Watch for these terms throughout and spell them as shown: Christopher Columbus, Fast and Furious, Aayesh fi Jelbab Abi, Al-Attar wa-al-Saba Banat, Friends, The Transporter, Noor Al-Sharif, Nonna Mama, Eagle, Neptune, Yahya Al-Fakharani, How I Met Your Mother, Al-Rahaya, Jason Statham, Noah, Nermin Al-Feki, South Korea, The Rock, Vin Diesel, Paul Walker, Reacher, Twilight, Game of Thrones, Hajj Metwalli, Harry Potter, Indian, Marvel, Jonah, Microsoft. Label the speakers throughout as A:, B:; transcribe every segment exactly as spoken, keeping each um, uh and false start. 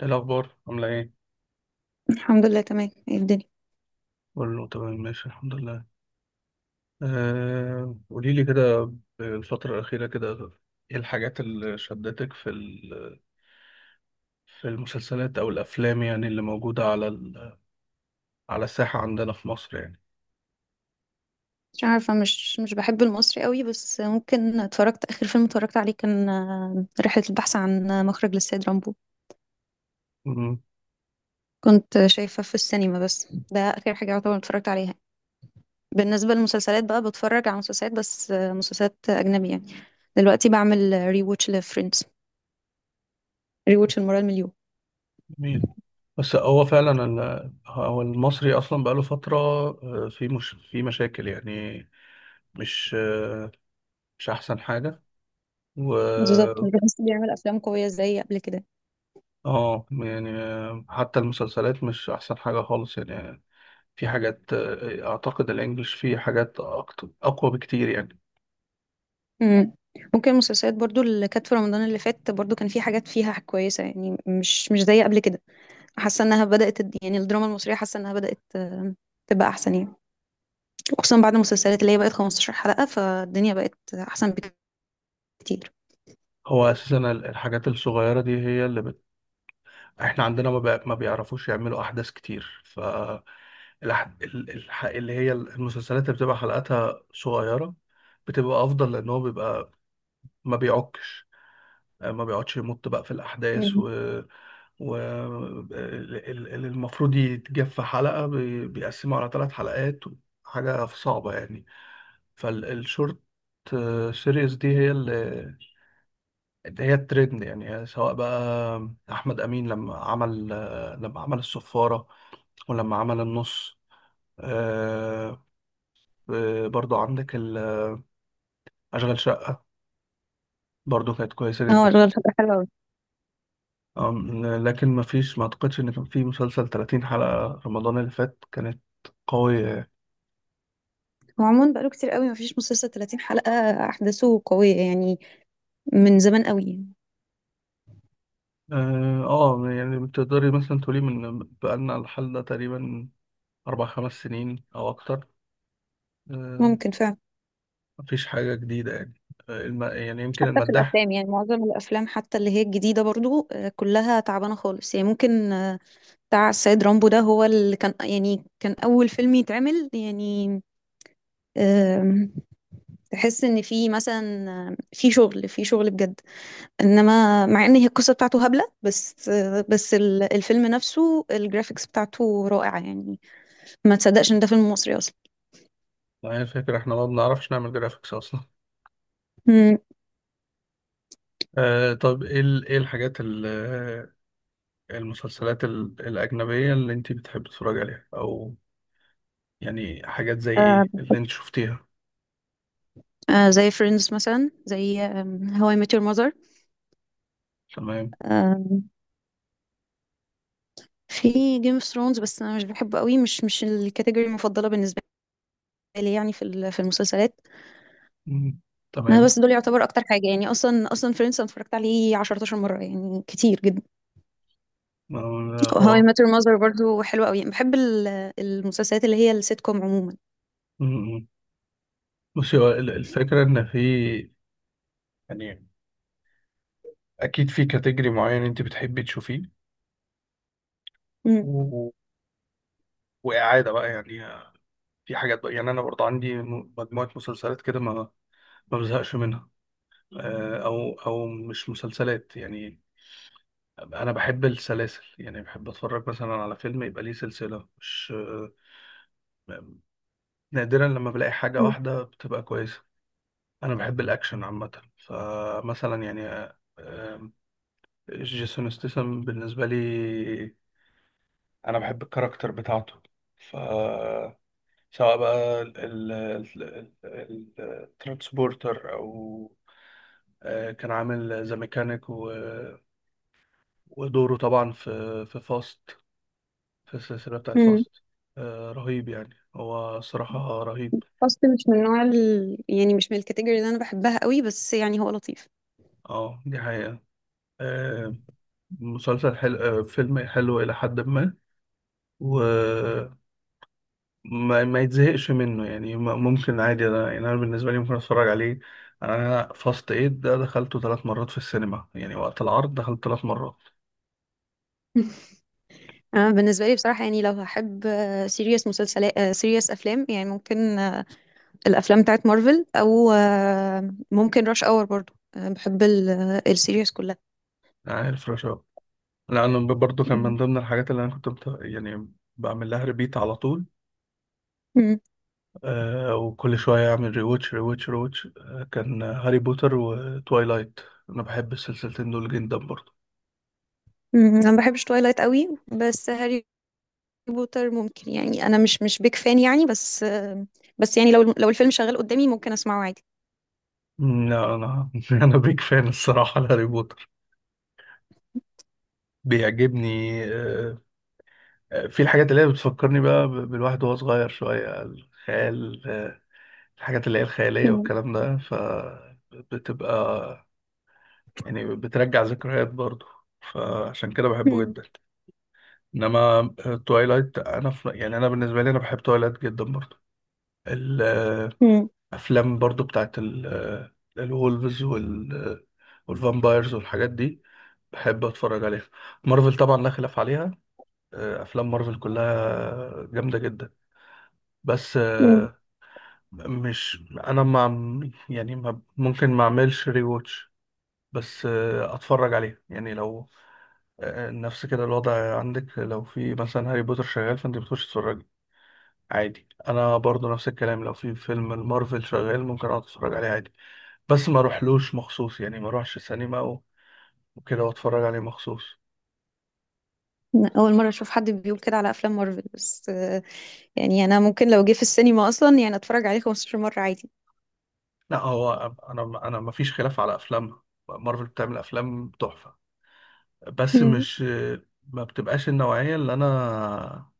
A: ايه الأخبار عاملة ايه؟
B: الحمد لله تمام. ايه الدنيا؟
A: كله تمام، ماشي الحمد لله. آه قولي لي كده الفترة الأخيرة كده. ايه الحاجات اللي شدتك في ال- في المسلسلات أو الأفلام يعني اللي موجودة على ال- على الساحة عندنا في مصر يعني.
B: مش عارفة. مش مش بحب المصري قوي، بس ممكن اتفرجت. آخر فيلم اتفرجت عليه كان آه، رحلة البحث عن آه، مخرج للسيد رامبو.
A: مم،
B: كنت شايفة في السينما، بس ده آخر حاجة يعتبر اتفرجت عليها. بالنسبة للمسلسلات بقى، بتفرج على مسلسلات، بس آه، مسلسلات أجنبية يعني. دلوقتي بعمل ري ووتش لفريندز، ري ووتش المرة المليون.
A: جميل. بس هو فعلا ال- هو المصري أصلا بقاله فترة. آه، في مش في مشاكل يعني. مش آه، مش أحسن حاجة. و
B: بالظبط، مش بحس بيعمل أفلام قوية زي قبل كده.
A: اه يعني، آه، حتى المسلسلات مش أحسن حاجة خالص يعني. في حاجات، آه، اعتقد الانجليش فيه حاجات أكتر، اقوى بكتير يعني.
B: مم. ممكن المسلسلات برضو اللي كانت في رمضان اللي فات، برضو كان في حاجات فيها كويسة يعني، مش مش زي قبل كده. حاسة انها بدأت تد- يعني الدراما المصرية حاسة انها بدأت آه، تبقى احسن يعني. وخصوصا بعد المسلسلات اللي هي بقت 15 حلقة، فالدنيا بقت احسن بكتير.
A: هو اساسا ال- الحاجات الصغيره دي هي اللي بت... احنا عندنا ما, بي... ما بيعرفوش يعملوا احداث كتير. ف الح... ال- الح... اللي هي المسلسلات اللي بتبقى حلقاتها صغيره بتبقى افضل، لان هو بيبقى ما بيعكش، آه، ما بيقعدش يمط بقى في الاحداث. و
B: مم.
A: و ال- ال- اللي المفروض يتجاب في حلقه بي... بيقسمه على ثلاث حلقات، حاجه صعبه يعني. فالشورت سيريز دي هي اللي هي الترند يعني. سواء بقى احمد امين لما عمل لما عمل الصفاره، ولما عمل النص، آه، آه، برضو عندك ال- اشغال شقه، برضو كانت كويسه
B: اه
A: جدا.
B: الغرفة حلوة.
A: أم، لكن ما فيش، ما اعتقدش ان كان في مسلسل ثلاثين حلقه رمضان اللي فات كانت قويه يعني.
B: وعموما بقاله كتير قوي مفيش مسلسل 30 حلقة أحداثه قوية يعني، من زمان قوي يعني.
A: اه، آه، يعني تقدري مثلا تقولي من بقالنا الحل ده تقريبا اربع خمس سنين او اكتر. آه،
B: ممكن فعلا.
A: مفيش حاجة جديدة يعني. آه، الم... يعني يمكن
B: حتى في
A: المداح.
B: الأفلام يعني معظم الأفلام حتى اللي هي الجديدة برضو آه، كلها تعبانة خالص يعني. ممكن آه، بتاع السيد رامبو ده هو اللي كان يعني، كان أول فيلم يتعمل يعني. آم، تحس إن في مثلا آه، في شغل في شغل بجد. إنما مع إن هي القصة بتاعته هبلة، بس آه، بس ال- الفيلم نفسه الجرافيكس بتاعته رائعة يعني. ما تصدقش إن ده فيلم مصري أصلا.
A: يعني الفكرة احنا ما بنعرفش نعمل جرافيكس أصلا.
B: مم.
A: آه طب ايه ال... ايه الحاجات ال... آه، المسلسلات ال... الأجنبية اللي انت بتحب تتفرج عليها، أو يعني حاجات زي
B: آه،
A: ايه اللي انت شفتيها؟
B: آه زي فريندز مثلا، زي هواي I Met Your Mother.
A: تمام.
B: آم، في جيم اوف ثرونز، بس انا مش بحبه قوي. مش مش الكاتيجوري المفضله بالنسبه لي يعني، في ال- في المسلسلات.
A: مم.
B: انا
A: تمام.
B: بس دول يعتبر اكتر حاجه يعني. اصلا اصلا فريندز انا اتفرجت عليه عشر مرات مره يعني، كتير جدا.
A: آه،
B: هواي
A: هو.
B: I Met Your Mother برضو حلوه قوي. بحب ال- المسلسلات اللي هي السيت كوم عموما.
A: مم، مم. بصي هو ال- الفكرة إن في، يعني أكيد في كاتيجري معين انت بتحبي تشوفيه،
B: مم.
A: و... وإعادة بقى يعني. في حاجات بقى يعني، أنا برضه عندي م- مجموعة مسلسلات كده ما ما بزهقش منها. آه، او او مش مسلسلات يعني، انا بحب السلاسل يعني، بحب اتفرج مثلا على فيلم يبقى ليه سلسلة. مش، آه، نادرا لما بلاقي حاجة
B: مم.
A: واحدة بتبقى كويسة. انا بحب الاكشن عامة. فمثلا يعني، آه، آه، جيسون ستاثام بالنسبة لي، انا بحب الكاركتر بتاعته. ف سواء بقى الترانسبورتر، او، آه، كان عامل ذا ميكانيك، ودوره طبعا في في فاست، في السلسلة بتاعت
B: مم.
A: فاست. آه، رهيب يعني، هو صراحة رهيب.
B: فاست مش من نوع ال... يعني مش من الكاتيجوري اللي انا بحبها قوي، بس يعني هو لطيف.
A: اه دي حقيقة. آه، مسلسل حلو، آه فيلم حلو إلى حد ما. وما ما ما يتزهقش منه يعني. م- ممكن عادي أنا، يعني أنا بالنسبة لي ممكن أتفرج عليه. أنا فاست إيد ده دخلته ثلاث مرات في السينما يعني، وقت العرض دخلت ثلاث مرات.
B: انا بالنسبه لي بصراحه يعني، لو هحب سيريس مسلسلات، سيريس افلام يعني، ممكن آه، الافلام بتاعت مارفل، او آه، ممكن راش اور برضو، آه، بحب السيريس كلها.
A: يعني الفراشة، لأنه برضه كان
B: مم.
A: من ضمن الحاجات اللي أنا كنت بت- يعني بعمل لها ريبيت على طول.
B: مم.
A: آه، وكل شوية أعمل ريواتش ريواتش ريواتش. آه، كان هاري بوتر وتوايلايت، أنا بحب السلسلتين دول جدا برضه.
B: مم. انا ما بحبش تويلايت قوي، بس هاري بوتر ممكن يعني، انا مش مش بيك فان يعني، بس آه، بس يعني لو لو الفيلم شغال قدامي، ممكن اسمعه عادي.
A: مم. لا، أنا أنا بيك فان الصراحة لهاري بوتر، بيعجبني آه. آه، في الحاجات اللي هي بتفكرني بقى، ب- بالواحد وهو صغير شوية، الخيال آه، الحاجات اللي هي الخيالية
B: مم.
A: والكلام ده، فبتبقى يعني بترجع ذكريات برضه، فعشان كده بحبه
B: مم.
A: جدا. انما توايلايت، انا في يعني انا بالنسبه لي، انا بحب توايلايت جدا برضه.
B: مم.
A: افلام برضو بتاعت ال- الولفز، وال والفامبايرز والحاجات دي، بحب اتفرج عليها. مارفل طبعا لا خلاف عليها. آه، افلام مارفل كلها جامده جدا. بس،
B: مم.
A: آه، مش، انا ما عم- يعني ما ممكن ما اعملش ري واتش. بس، آه، اتفرج عليها يعني لو، آه، نفس كده الوضع عندك لو في مثلا هاري بوتر شغال فانت بتخش تتفرج عادي. انا برضو نفس الكلام، لو في فيلم المارفل شغال ممكن اقعد اتفرج عليه عادي، بس ما اروحلوش مخصوص يعني، ما اروحش سينما و- وكده واتفرج عليه مخصوص.
B: اول مره اشوف حد بيقول كده على افلام مارفل، بس آه، يعني انا ممكن لو جه في السينما اصلا يعني اتفرج عليه خمسة عشر مرة مره عادي.
A: لا هو، انا انا ما فيش خلاف على افلامها، مارفل بتعمل افلام تحفة. بس مش، ما بتبقاش النوعية اللي انا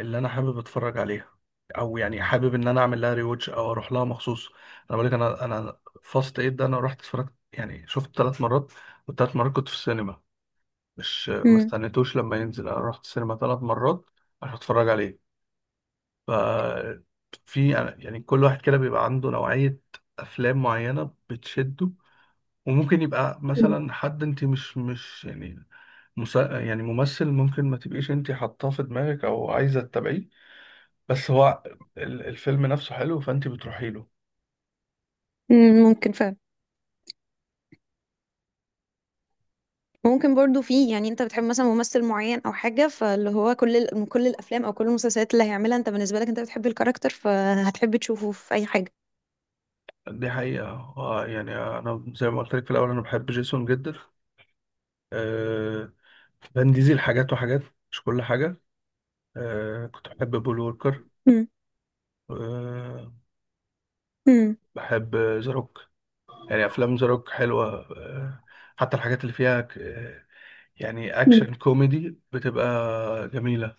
A: اللي انا حابب اتفرج عليها، او يعني حابب ان انا اعمل لها ريوتش او اروح لها مخصوص. انا بقول لك، انا انا فاست ايد ده انا رحت اتفرجت يعني شفت ثلاث مرات، والثلاث مرات كنت في السينما. مش، ما
B: مم.
A: استنيتوش لما ينزل، انا رحت السينما ثلاث مرات عشان اتفرج عليه. ف في يعني، يعني كل واحد كده بيبقى عنده نوعية أفلام معينة بتشده. وممكن يبقى مثلا حد أنت مش مش يعني، مس... يعني ممثل ممكن ما تبقيش أنت حاطاه في دماغك أو عايزة تتابعيه. بس هو ال- الفيلم نفسه حلو، فأنت بتروحي له.
B: مم. ممكن فعلا. ممكن برضو، في يعني انت بتحب مثلا ممثل معين او حاجه، فاللي هو كل ال- من كل الافلام او كل المسلسلات اللي هيعملها، انت بالنسبه لك انت بتحب الكاركتر، فهتحب تشوفه في اي حاجه.
A: دي حقيقة. هو يعني أنا زي ما قلت لك في الأول، أنا بحب جيسون جدا. آه، فان ديزل حاجات وحاجات، مش كل حاجة. آه، كنت بحب بول ووكر.
B: مم.
A: آه،
B: مم.
A: بحب ذا روك، يعني افلام ذا روك حلوه. آه، حتى الحاجات اللي فيها ك- آه، يعني
B: مم.
A: اكشن كوميدي، بتبقى جميله.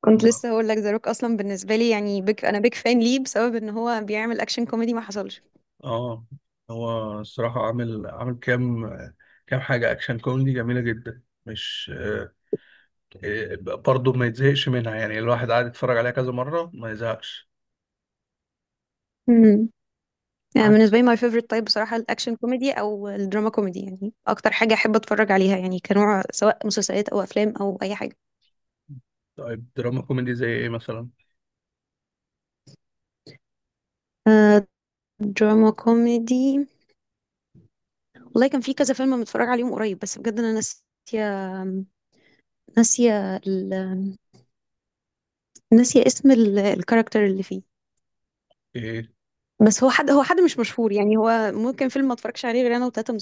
B: كنت لسه هقول لك ذا روك اصلا. بالنسبه لي يعني بيك انا بيك فان ليه؟ بسبب ان هو بيعمل اكشن كوميدي ما حصلش.
A: اه، هو الصراحه عامل، عامل كام، كام حاجه اكشن كوميدي جميله جدا. مش، آه، آه، برضه ما يتزهقش منها يعني، الواحد قاعد يتفرج عليها كذا مره ما يزهقش.
B: امم يعني
A: عكس،
B: بالنسبه لي ماي فيفورت تايب بصراحه الاكشن كوميدي او الدراما كوميدي، يعني اكتر حاجه احب اتفرج عليها يعني كنوع، سواء مسلسلات او افلام او اي حاجه.
A: طيب دراما كوميدي زي ايه مثلا؟
B: آه، دراما كوميدي. والله كان في كذا فيلم متفرج عليهم قريب، بس بجد انا ناسيه، ناسيه ال... ناسيه اسم ال... الكاركتر اللي فيه.
A: ايه.
B: بس هو حد هو حد مش مشهور يعني. هو ممكن فيلم ما اتفرجش عليه غير انا وتلاته من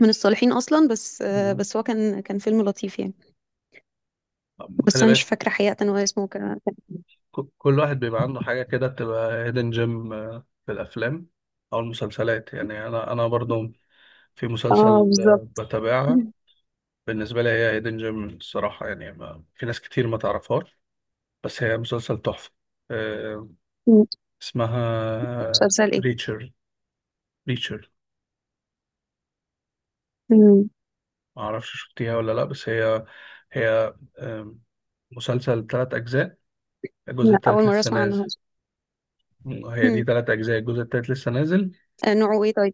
B: من الصالحين اصلا. بس آه،
A: مم.
B: بس هو كان كان فيلم لطيف يعني. بس
A: خلي
B: انا مش
A: بالك،
B: فاكره حقيقه هو اسمه كان.
A: ك- كل واحد بيبقى عنده حاجة كده بتبقى هيدن جيم، في الأفلام أو المسلسلات يعني. أنا أنا برضو في
B: اه
A: مسلسل،
B: بالظبط.
A: آه، بتابعها، بالنسبة لي هي هيدن جيم الصراحة يعني. ما في ناس كتير ما تعرفهاش، بس هي مسلسل تحفة، آه،
B: مم.
A: اسمها
B: مسلسل ايه؟
A: ريتشر. ريتشر.
B: مم.
A: معرفش شفتيها ولا لأ. بس هي، هي آه، مسلسل تلات أجزاء، الجزء
B: لا اول
A: التالت
B: مره
A: لسه
B: اسمع
A: نازل.
B: عنه.
A: هي دي
B: مم.
A: تلات أجزاء، الجزء التالت لسه نازل.
B: آه، نوعه ايه طيب؟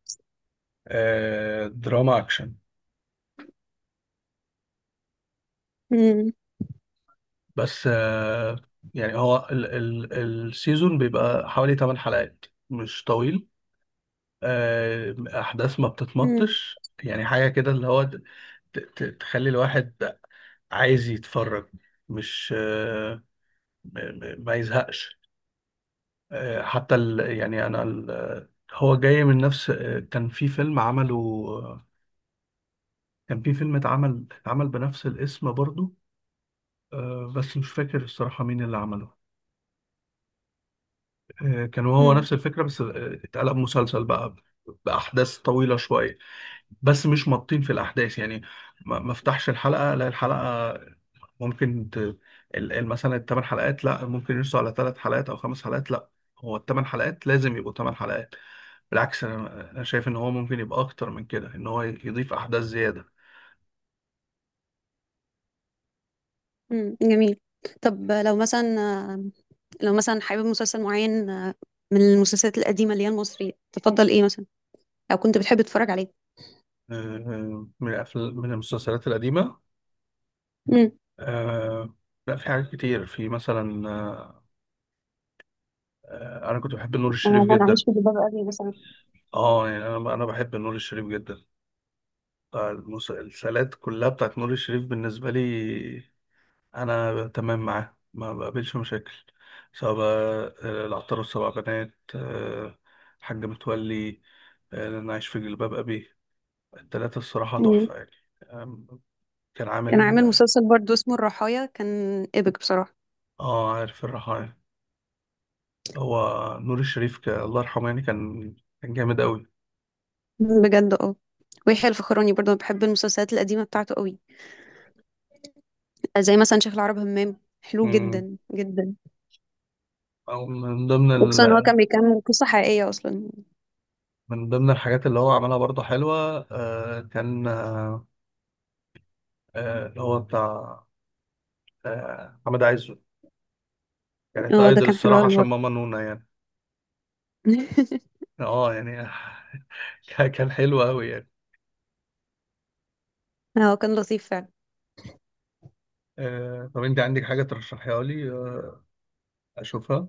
A: آه، دراما أكشن.
B: مم.
A: بس، آه، يعني هو ال ال السيزون بيبقى حوالي ثمان حلقات، مش طويل. آه، احداث ما
B: مم.
A: بتتمطش يعني، حاجه كده اللي هو ت- ت- تخلي الواحد عايز يتفرج، مش، آه، م- م- ما يزهقش. آه، حتى ال، يعني انا ال، آه، هو جاي من نفس، آه، كان في فيلم عمله. آه، كان في فيلم اتعمل اتعمل بنفس الاسم برضو. آه، بس مش فاكر الصراحه مين اللي عمله. آه، كان هو
B: مم.
A: نفس الفكرة، بس، آه، اتقلب مسلسل بقى بأحداث طويلة شوية، بس مش مطين في الأحداث يعني. ما ما افتحش الحلقة لا الحلقة، ممكن ت... ال- ال- مثلا الثمان حلقات لا ممكن يرسوا على ثلاث حلقات أو خمس حلقات. لا، هو الثمان حلقات لازم يبقوا ثمان حلقات. بالعكس، أنا أنا شايف إن هو ممكن يبقى أكتر من كده، إن هو يضيف أحداث زيادة.
B: مم. جميل. طب لو مثلا لو مثلا حابب مسلسل معين آه، من المسلسلات القديمة اللي هي المصرية، تفضل ايه مثلا؟ او كنت بتحب تتفرج عليه؟
A: آه، من الأفلام، من المسلسلات القديمة،
B: امم
A: آه، لا في حاجات كتير، في مثلا، آه، آه، أنا كنت بحب نور الشريف
B: انا
A: جدا.
B: عايش في جلباب ابي مثلا.
A: اه يعني، انا انا بحب نور الشريف جدا، بتاع المسلسلات كلها بتاعت نور الشريف. بالنسبه لي انا تمام معاه، ما بقابلش مشاكل. سواء بقى، آه، العطار والسبع بنات، آه، حاج متولي، آه، انا عايش في جلباب ابي. التلاتة الصراحه
B: مم.
A: تحفه يعني. آم، كان
B: كان
A: عامل
B: عامل
A: اه،
B: مسلسل برضو اسمه الرحايا، كان ايبك بصراحة.
A: آه، عارف الرحايا. هو نور الشريف، ك... الله يرحمه يعني، كان كان جامد قوي.
B: مم، بجد اه. ويحيى الفخراني برضو أنا بحب المسلسلات القديمة بتاعته قوي، زي مثلا شيخ العرب همام، حلو
A: مم.
B: جدا جدا.
A: أو من ضمن،
B: وخصوصا إن هو كان بيكمل قصة حقيقية اصلا.
A: من ضمن الحاجات اللي هو عملها برضه حلوة، آه، كان آه، آه، اللي هو بتاع، آه، محمد عايزه، كانت
B: اه ده
A: ايدل
B: كان حلو
A: الصراحة
B: قوي
A: عشان
B: برضه.
A: ماما نونا يعني. اه يعني كان كان حلو قوي يعني.
B: هو كان لطيف فعلا.
A: آه، طب انت عندك حاجة ترشحيها لي، آه، اشوفها؟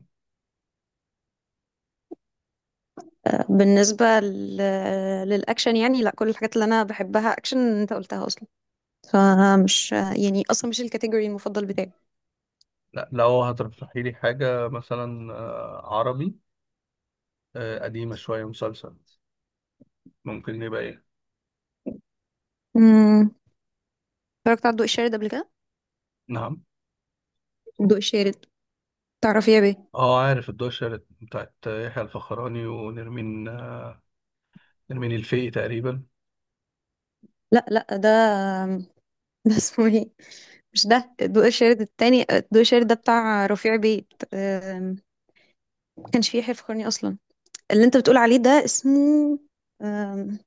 B: بالنسبة لل- للأكشن يعني، لا كل الحاجات اللي أنا بحبها أكشن أنت قلتها أصلا، فمش يعني أصلا مش الكاتيجوري المفضل بتاعي.
A: لا، لو هترشحي لي حاجة مثلا، آه، عربي، آه، قديمة شوية، مسلسل، ممكن يبقى ايه؟
B: أمم، اتفرجت على الضوء الشارد قبل كده.
A: نعم.
B: الضوء الشارد، تعرفي يا بيه.
A: اه عارف، الدوشة بتاعت يحيى الفخراني ونرمين، آه، نرمين الفقي تقريبا.
B: لا لا، ده ده اسمه ايه؟ مش ده الضوء الشارد. التاني الضوء الشارد ده بتاع رفيع بيت. أم، ما كانش فيه يحيى فخرني أصلا. اللي أنت بتقول عليه ده اسمه أم،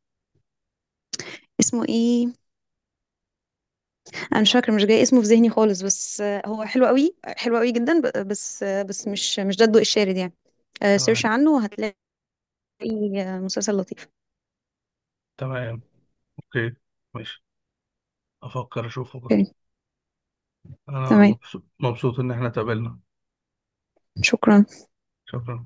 B: اسمه ايه؟ انا مش فاكره، مش جاي اسمه في ذهني خالص. بس آه، هو حلو قوي، حلو قوي جدا. ب- بس آه، بس مش مش ده الضوء الشارد يعني. آه، سيرش
A: تمام.
B: عنه وهتلاقي. آه، مسلسل لطيف.
A: تمام. اوكي. ماشي، افكر اشوفه.
B: اوكي،
A: انا
B: تمام،
A: مبسوط، مبسوط ان احنا اتقابلنا.
B: شكرا.
A: شكرا.